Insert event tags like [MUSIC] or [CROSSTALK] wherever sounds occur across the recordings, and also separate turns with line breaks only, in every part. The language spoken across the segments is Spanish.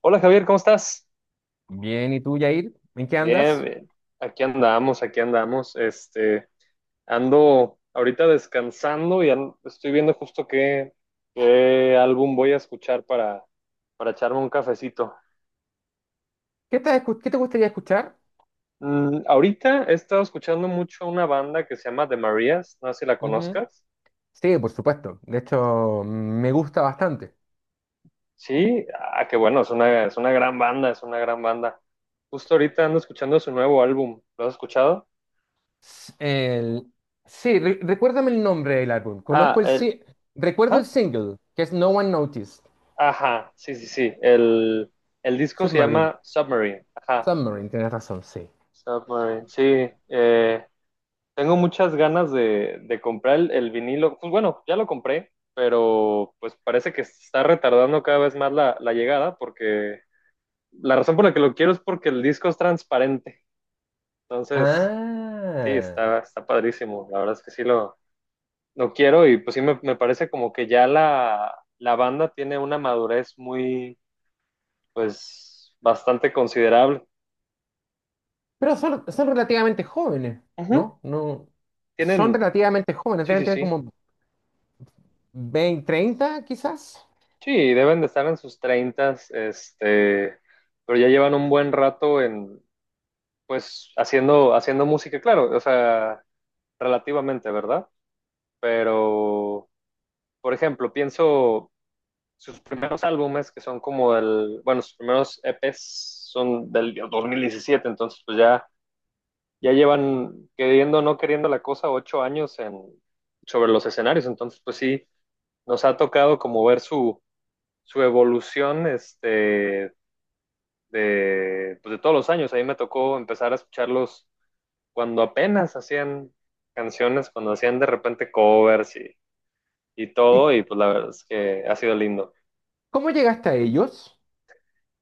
Hola Javier, ¿cómo estás?
Bien, ¿y tú, Yair? ¿En qué
Bien,
andas?
bien. Aquí andamos, aquí andamos. Ando ahorita descansando y estoy viendo justo qué álbum voy a escuchar para echarme un cafecito.
¿Qué qué te gustaría escuchar?
Ahorita he estado escuchando mucho una banda que se llama The Marías, no sé si la
Ujú.
conozcas.
Sí, por supuesto. De hecho, me gusta bastante.
Sí, ah, qué bueno, es una gran banda, es una gran banda. Justo ahorita ando escuchando su nuevo álbum. ¿Lo has escuchado?
S- el- Sí, recuérdame el nombre del álbum.
Ah,
Conozco el...
el,
si- Recuerdo el
¿Ah?
single, que es No One Noticed.
Ajá, sí, sí, sí. El disco se
Submarine.
llama Submarine. Ajá,
Submarine, tienes razón, sí.
Submarine. Sí, tengo muchas ganas de comprar el vinilo. Pues bueno, ya lo compré, pero pues parece que se está retardando cada vez más la llegada porque la razón por la que lo quiero es porque el disco es transparente. Entonces, sí,
Ah.
está padrísimo. La verdad es que sí lo quiero y pues sí me parece como que ya la banda tiene una madurez muy, pues, bastante considerable.
Pero son relativamente jóvenes,
Ujú,
¿no? No. Son
Tienen,
relativamente jóvenes,
sí,
deben
sí,
tener
sí.
como 20 30 quizás.
Sí, deben de estar en sus treintas, pero ya llevan un buen rato en, pues, haciendo música, claro, o sea, relativamente, ¿verdad? Pero, por ejemplo, pienso sus primeros álbumes, que son como el, bueno, sus primeros EPs son del 2017 entonces, pues ya, llevan, queriendo o no queriendo la cosa, 8 años en, sobre los escenarios, entonces, pues sí, nos ha tocado como ver su evolución de, pues de todos los años. A mí me tocó empezar a escucharlos cuando apenas hacían canciones, cuando hacían de repente covers y
¿Y
todo, y pues la verdad es que ha sido lindo.
cómo llegaste a ellos?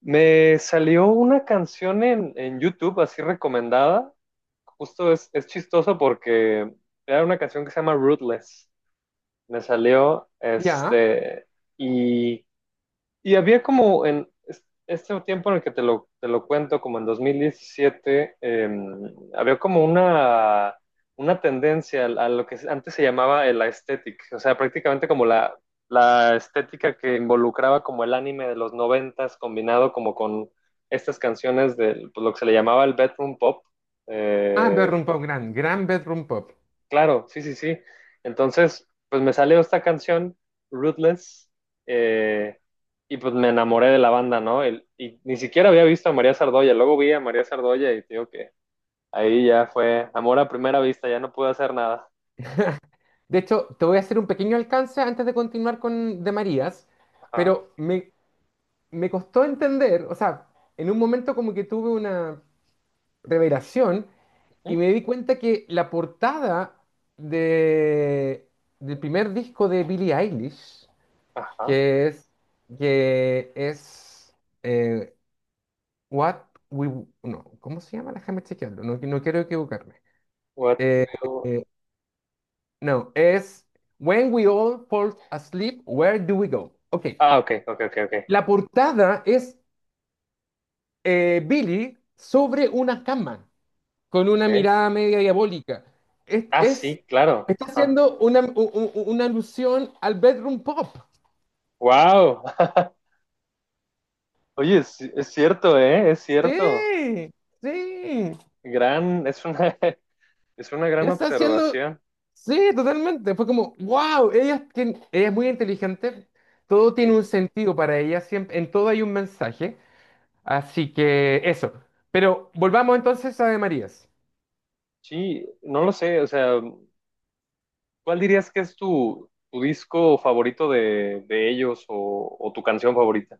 Me salió una canción en YouTube así recomendada, justo es chistoso porque era una canción que se llama ruthless. Me salió
Ya.
y había como en este tiempo en el que te lo cuento, como en 2017, había como una tendencia a lo que antes se llamaba el aesthetic, o sea, prácticamente como la estética que involucraba como el anime de los noventas combinado como con estas canciones de pues, lo que se le llamaba el bedroom pop.
Ah,
Eh,
Bedroom Pub, gran, gran Bedroom Pub.
Claro, sí, sí, sí. Entonces, pues me salió esta canción, Ruthless, eh, y pues me enamoré de la banda, ¿no? Y ni siquiera había visto a María Sardoya, luego vi a María Sardoya y te digo que ahí ya fue amor a primera vista, ya no pude hacer nada.
De hecho, te voy a hacer un pequeño alcance antes de continuar con De Marías,
Ajá,
pero me costó entender, o sea, en un momento como que tuve una revelación y
ujú,
me di cuenta que la portada de, del primer disco de Billie Eilish,
ajá.
que es, que es eh, What We... No, ¿cómo se llama? Déjame chequearlo, no, no quiero equivocarme.
What
Eh,
will-.
eh, No, es When We All Fall Asleep, Where Do We Go? Ok.
Ah, ok, ok, ok, ok,
La portada es, Billy sobre una cama, con una
ok.
mirada media diabólica. Es,
Ah,
es-
sí, claro,
Está
ajá.
haciendo una, u- u- u- una alusión al bedroom pop.
Wow. [LAUGHS] Oye, es cierto, ¿eh? Es cierto.
Sí, sí.
Gran, es una, [LAUGHS] es una gran
Está haciendo,
observación.
sí, totalmente. Fue como, wow, ella es muy inteligente. Todo tiene
Sí.
un sentido para ella, siempre, en todo hay un mensaje. Así que eso. Pero volvamos entonces a de Marías.
Sí, no lo sé, o sea, ¿cuál dirías que es tu disco favorito de ellos o tu canción favorita?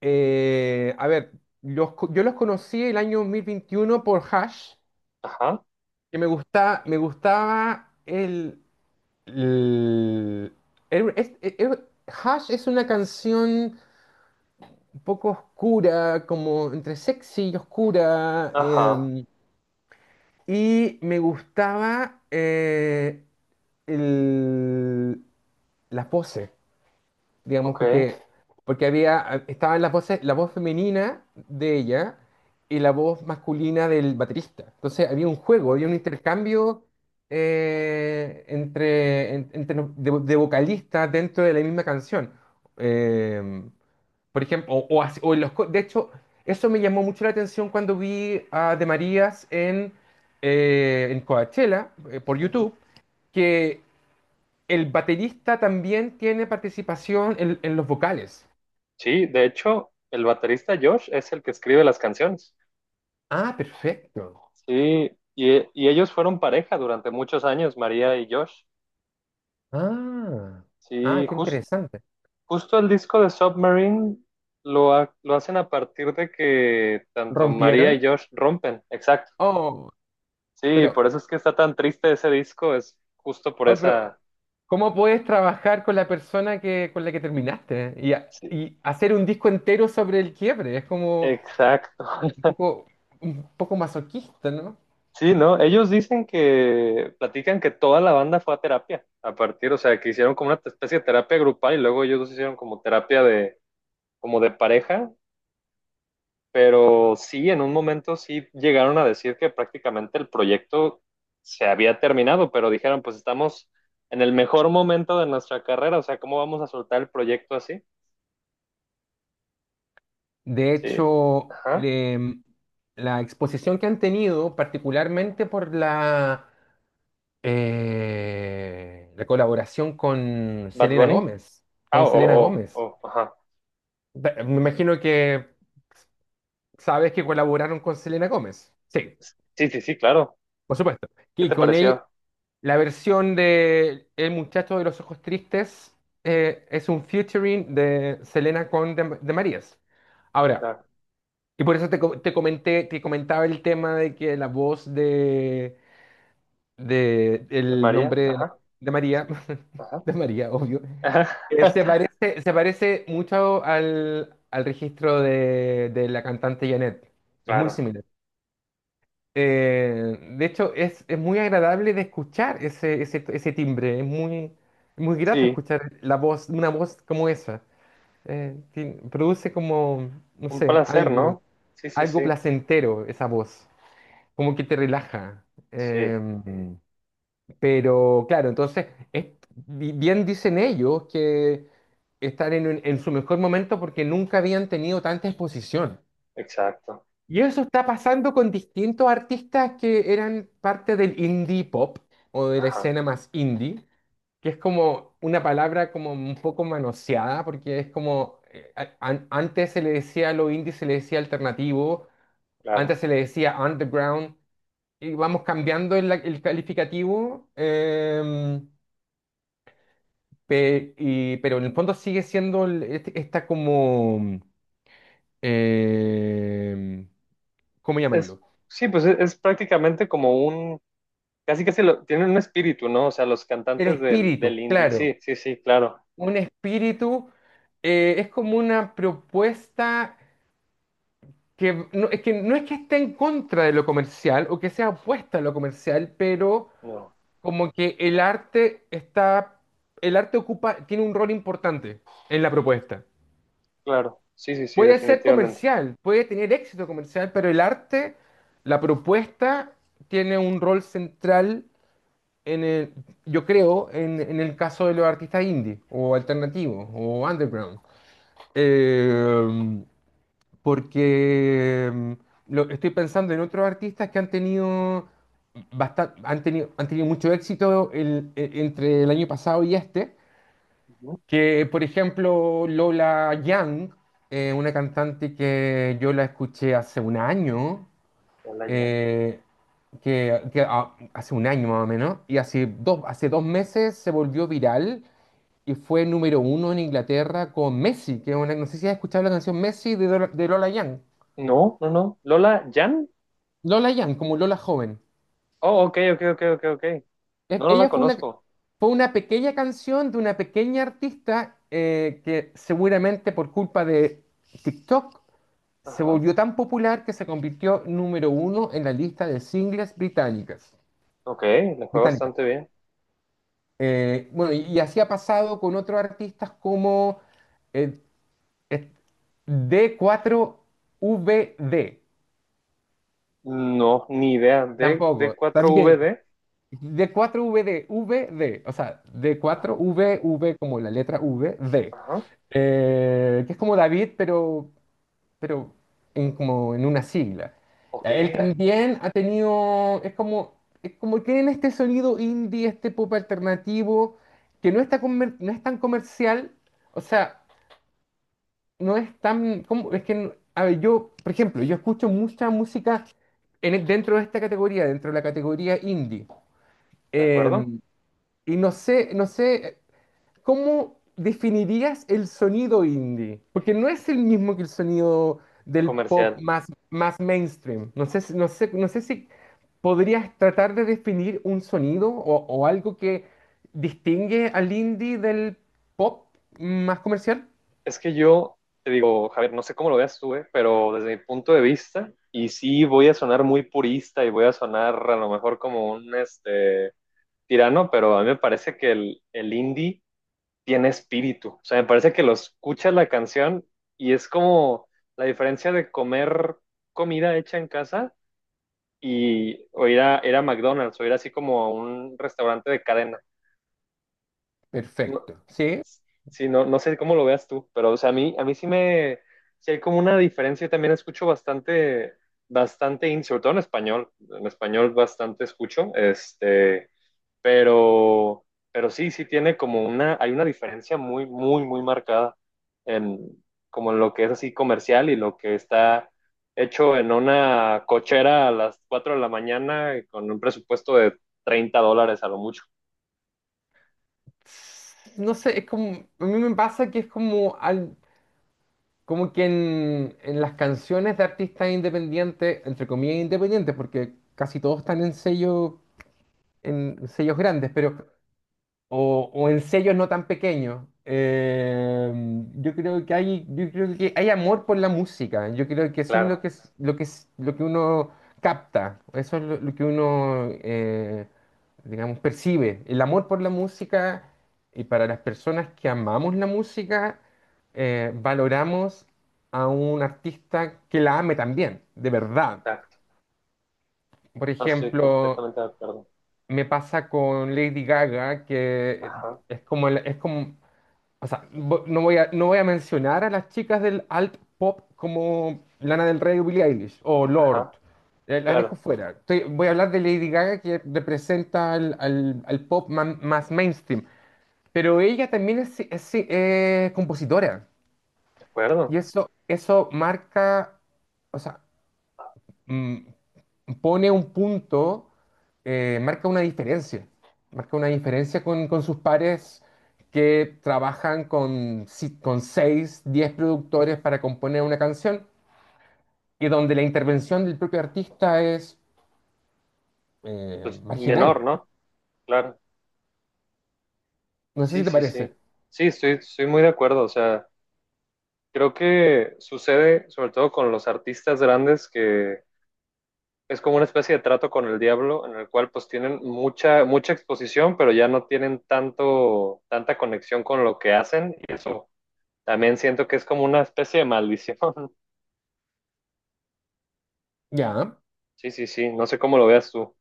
A ver, yo los conocí el año 2021 por Hash,
Ajá,
que me gustaba el- el- es- el- Hash es una canción un poco oscura, como entre sexy y oscura.
ajá,
Y me gustaba, el, las voces, digamos,
ok.
porque estaban las voces, la voz femenina de ella y la voz masculina del baterista. Entonces había un juego,
Claro,
había un intercambio, entre, en- entre los- de vocalistas dentro de la misma canción. Eh, por ejemplo, o así- o en los, co- de hecho, eso me llamó mucho la atención cuando vi a De Marías en Coachella, por
ujú.
YouTube, que el baterista también tiene participación en los vocales.
Sí, de hecho, el baterista Josh es el que escribe las canciones.
Ah, perfecto.
Sí, y ellos fueron pareja durante muchos años, María y Josh.
Ah, ah,
Sí,
qué interesante.
justo el disco de Submarine lo hacen a partir de que tanto María y
¿Rompieron?
Josh rompen, exacto.
Oh,
Sí,
pero,
por eso es que está tan triste ese disco, es justo por
oh, pero,
esa...
¿cómo puedes trabajar con la persona con la que terminaste y, a-
Sí,
y hacer un disco entero sobre el quiebre? Es como
exacto.
un
[LAUGHS]
poco, un poco masoquista, ¿no?
Sí, ¿no? Ellos dicen que, platican que toda la banda fue a terapia, a partir, o sea, que hicieron como una especie de terapia grupal y luego ellos dos hicieron como terapia de, como de pareja, pero sí, en un momento sí llegaron a decir que prácticamente el proyecto se había terminado, pero dijeron, pues estamos en el mejor momento de nuestra carrera, o sea, ¿cómo vamos a soltar el proyecto así?
De
Sí.
hecho,
Ajá.
la exposición que han tenido, particularmente por la colaboración con
Bad
Selena
Bunny.
Gómez,
Ah,
con
oh,
Selena
oh,
Gómez.
oh, oh, ajá.
Me imagino que sabes que colaboraron con Selena Gómez. Sí,
Sí, sí, sí, claro.
por supuesto.
¿Qué
Y
te
con ella,
pareció?
la versión de El muchacho de los ojos tristes, es un featuring de Selena con de Marías. Ahora,
La,
y por eso te, co- te comenté, te comentaba el tema de que la voz de
de
el
María,
nombre de, la-
ajá.
de María,
Sí,
[LAUGHS]
ajá.
de María, obvio,
[LAUGHS]
se
Ajá.
parece, se parece mucho al registro de la cantante Janet. Es muy
Claro.
similar. De hecho, es muy agradable de escuchar ese timbre. Es muy, muy grato
Sí,
escuchar la voz, una voz como esa. Produce como, no
un
sé,
placer,
algo,
¿no? Sí, sí, sí.
algo placentero esa voz. Como que te relaja.
Sí,
Eh, pero claro, entonces, es- bien dicen ellos que están en su mejor momento porque nunca habían tenido tanta exposición.
exacto.
Y eso está pasando con distintos artistas que eran parte del indie pop o de la
Ajá,
escena más indie, que es como una palabra como un poco manoseada porque es como, antes se le decía a lo indie, se le decía alternativo, antes
claro.
se le decía underground, y vamos cambiando el calificativo. Pero en el fondo sigue siendo esta como. eh, ¿Cómo
Es,
llamarlo?
sí, pues es prácticamente como un, casi casi lo, tienen un espíritu, ¿no? O sea, los
El
cantantes del
espíritu,
indie.
claro.
Sí, sí, sí, claro.
Un espíritu, es como una propuesta que no, es que no es que esté en contra de lo comercial o que sea opuesta a lo comercial, pero
No,
como que el arte está. El arte tiene un rol importante en la propuesta.
claro. Sí, sí, sí,
Puede ser
definitivamente.
comercial, puede tener éxito comercial, pero el arte, la propuesta, tiene un rol central en el, yo creo, en el caso de los artistas indie o alternativos o underground. Eh, Porque estoy pensando en otros artistas que han tenido, bastan- han tenido mucho éxito entre el año pasado y este.
Ujú.
Que, por ejemplo, Lola Young, una cantante que yo la escuché hace un año,
Lola Jan.
eh, hace un año más o menos, y hace dos meses se volvió viral y fue número 1 en Inglaterra con Messi, que es no sé si has escuchado la canción Messi de Lola Young.
No, no, no. Lola Jan.
Lola Young, como Lola joven.
Oh, ok, ok, ok, ok, ok. No, no la
Ella fue una,
conozco.
fue una pequeña canción de una pequeña artista, que seguramente por culpa de TikTok se
Ajá.
volvió tan popular que se convirtió número 1 en la lista de singles británicas.
Ok, le fue
británicas.
bastante bien.
Bueno, y así ha pasado con otros artistas como eh, eh, D4VD.
No, ni idea.
Tampoco, también.
D4VD.
D4VD, VD, o sea,
Ajá.
D4VV como la letra V, D.
Ajá.
Que es como David, pero pero como en una sigla.
Ok,
Ya, Él claro,
de
también ha tenido, es como tienen este sonido indie, este pop alternativo, que no está no es tan comercial, o sea, no es tan, como, es que, no- a ver, yo, por ejemplo, yo escucho mucha música dentro de la categoría indie, eh,
acuerdo.
y no sé. ¿Cómo definirías el sonido indie? Porque no es el mismo que el sonido del pop
Comercial.
más, más mainstream. No sé, no sé si podrías tratar de definir un sonido o algo que distingue al indie del pop más comercial.
Es que yo te digo, Javier, no sé cómo lo veas tú, pero desde mi punto de vista, y sí voy a sonar muy purista y voy a sonar a lo mejor como un tirano, pero a mí me parece que el indie tiene espíritu. O sea, me parece que lo escuchas la canción y es como la diferencia de comer comida hecha en casa y o ir a McDonald's o ir así como a un restaurante de cadena. No,
Perfecto, ¿sí?
sí, no, no sé cómo lo veas tú, pero o sea, a mí sí sí hay como una diferencia. Yo también escucho bastante indie, sobre todo en español. En español bastante escucho, pero, pero sí, sí tiene como hay una diferencia muy, muy, muy marcada en como en lo que es así comercial y lo que está hecho en una cochera a las 4 de la mañana y con un presupuesto de $30 a lo mucho.
No sé, es como, a mí me pasa que es como, como que en las canciones de artistas independientes, entre comillas independientes, porque casi todos están en sellos grandes, pero o en sellos no tan pequeños. Yo creo que hay amor por la música. Yo creo que eso es
Claro,
lo que uno capta. Eso es lo que uno, digamos, percibe. El amor por la música, y para las personas que amamos la música, valoramos a un artista que la ame también, de verdad.
exacto.
Por
No, estoy
ejemplo,
completamente de acuerdo.
me pasa con Lady Gaga, que
Ajá,
es como, o sea, no voy a mencionar a las chicas del alt pop como Lana del Rey o Billie Eilish o Lord,
ajá,
las dejo
claro,
fuera. Voy a hablar de Lady Gaga que representa al pop, más mainstream, pero ella también es compositora
de
y
acuerdo.
eso marca, o sea, mm, pone un punto, eh, marca una diferencia, marca una diferencia con sus pares que trabajan con, si- con 6, 10 productores para componer una canción y donde la intervención del propio artista es,
Pues
marginal.
menor, ¿no? Claro,
No sé
sí,
si te
sí,
parece.
sí. Sí, estoy muy de acuerdo. O sea, creo que sucede sobre todo con los artistas grandes que, es como una especie de trato con el diablo en el cual pues tienen mucha exposición, pero ya no tienen tanto, tanta conexión con lo que hacen y eso también siento que es como una especie de maldición. [LAUGHS]
Ya.
Sí, sí, sí, no sé cómo lo veas tú.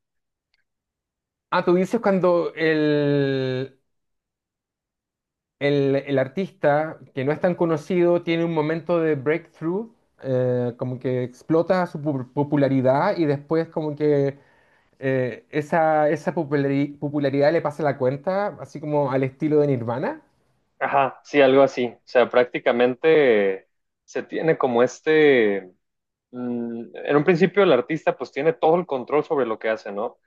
Ah, tú dices cuando el artista que no es tan conocido tiene un momento de breakthrough, como que explota su popularidad y después como que, esa popularidad le pasa la cuenta, así como al estilo de Nirvana.
Ajá, sí, algo así. O sea, prácticamente se tiene como en un principio el artista pues tiene todo el control sobre lo que hace, ¿no?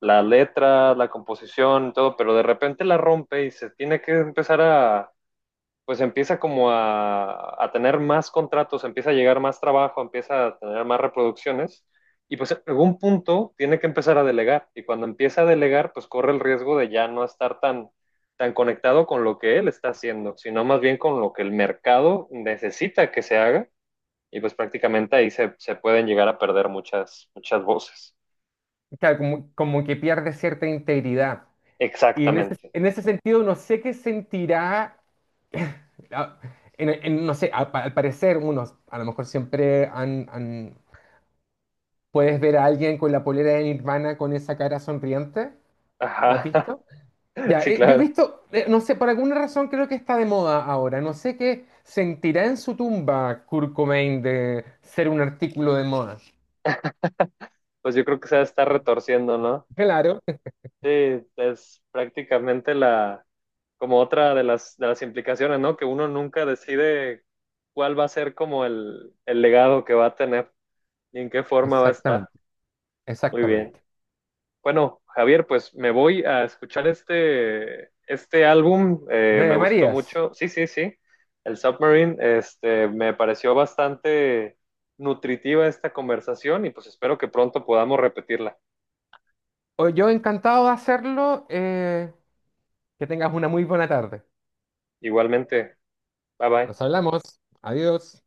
La letra, la composición, todo, pero de repente la rompe y se tiene que empezar a pues empieza como a tener más contratos, empieza a llegar más trabajo, empieza a tener más reproducciones y pues en algún punto tiene que empezar a delegar y cuando empieza a delegar pues corre el riesgo de ya no estar tan conectado con lo que él está haciendo, sino más bien con lo que el mercado necesita que se haga y pues prácticamente ahí se pueden llegar a perder muchas voces.
Claro, como que pierde cierta integridad. Y en ese,
Exactamente.
en ese sentido, no sé qué sentirá. ah, no sé, al parecer, a lo mejor siempre puedes ver a alguien con la polera de Nirvana con esa cara sonriente, ¿la has
Ajá,
visto?
[LAUGHS]
Ya,
sí,
yo he
claro.
visto, no sé, por alguna razón creo que está de moda ahora. No sé qué sentirá en su tumba Kurt Cobain de ser un artículo de moda.
Pues yo creo que se va a estar retorciendo, ¿no?
Claro,
Sí, es prácticamente como otra de las implicaciones, ¿no? Que uno nunca decide cuál va a ser como el legado que va a tener y en qué forma va a estar.
exactamente,
Muy bien.
exactamente.
Bueno, Javier, pues me voy a escuchar este álbum, me
De
gustó
Marías,
mucho. Sí, sí, sí. El Submarine, me pareció bastante nutritiva esta conversación y pues espero que pronto podamos repetirla.
hoy yo encantado de hacerlo. Que tengas una muy buena tarde.
Igualmente, bye bye.
Nos hablamos. Adiós.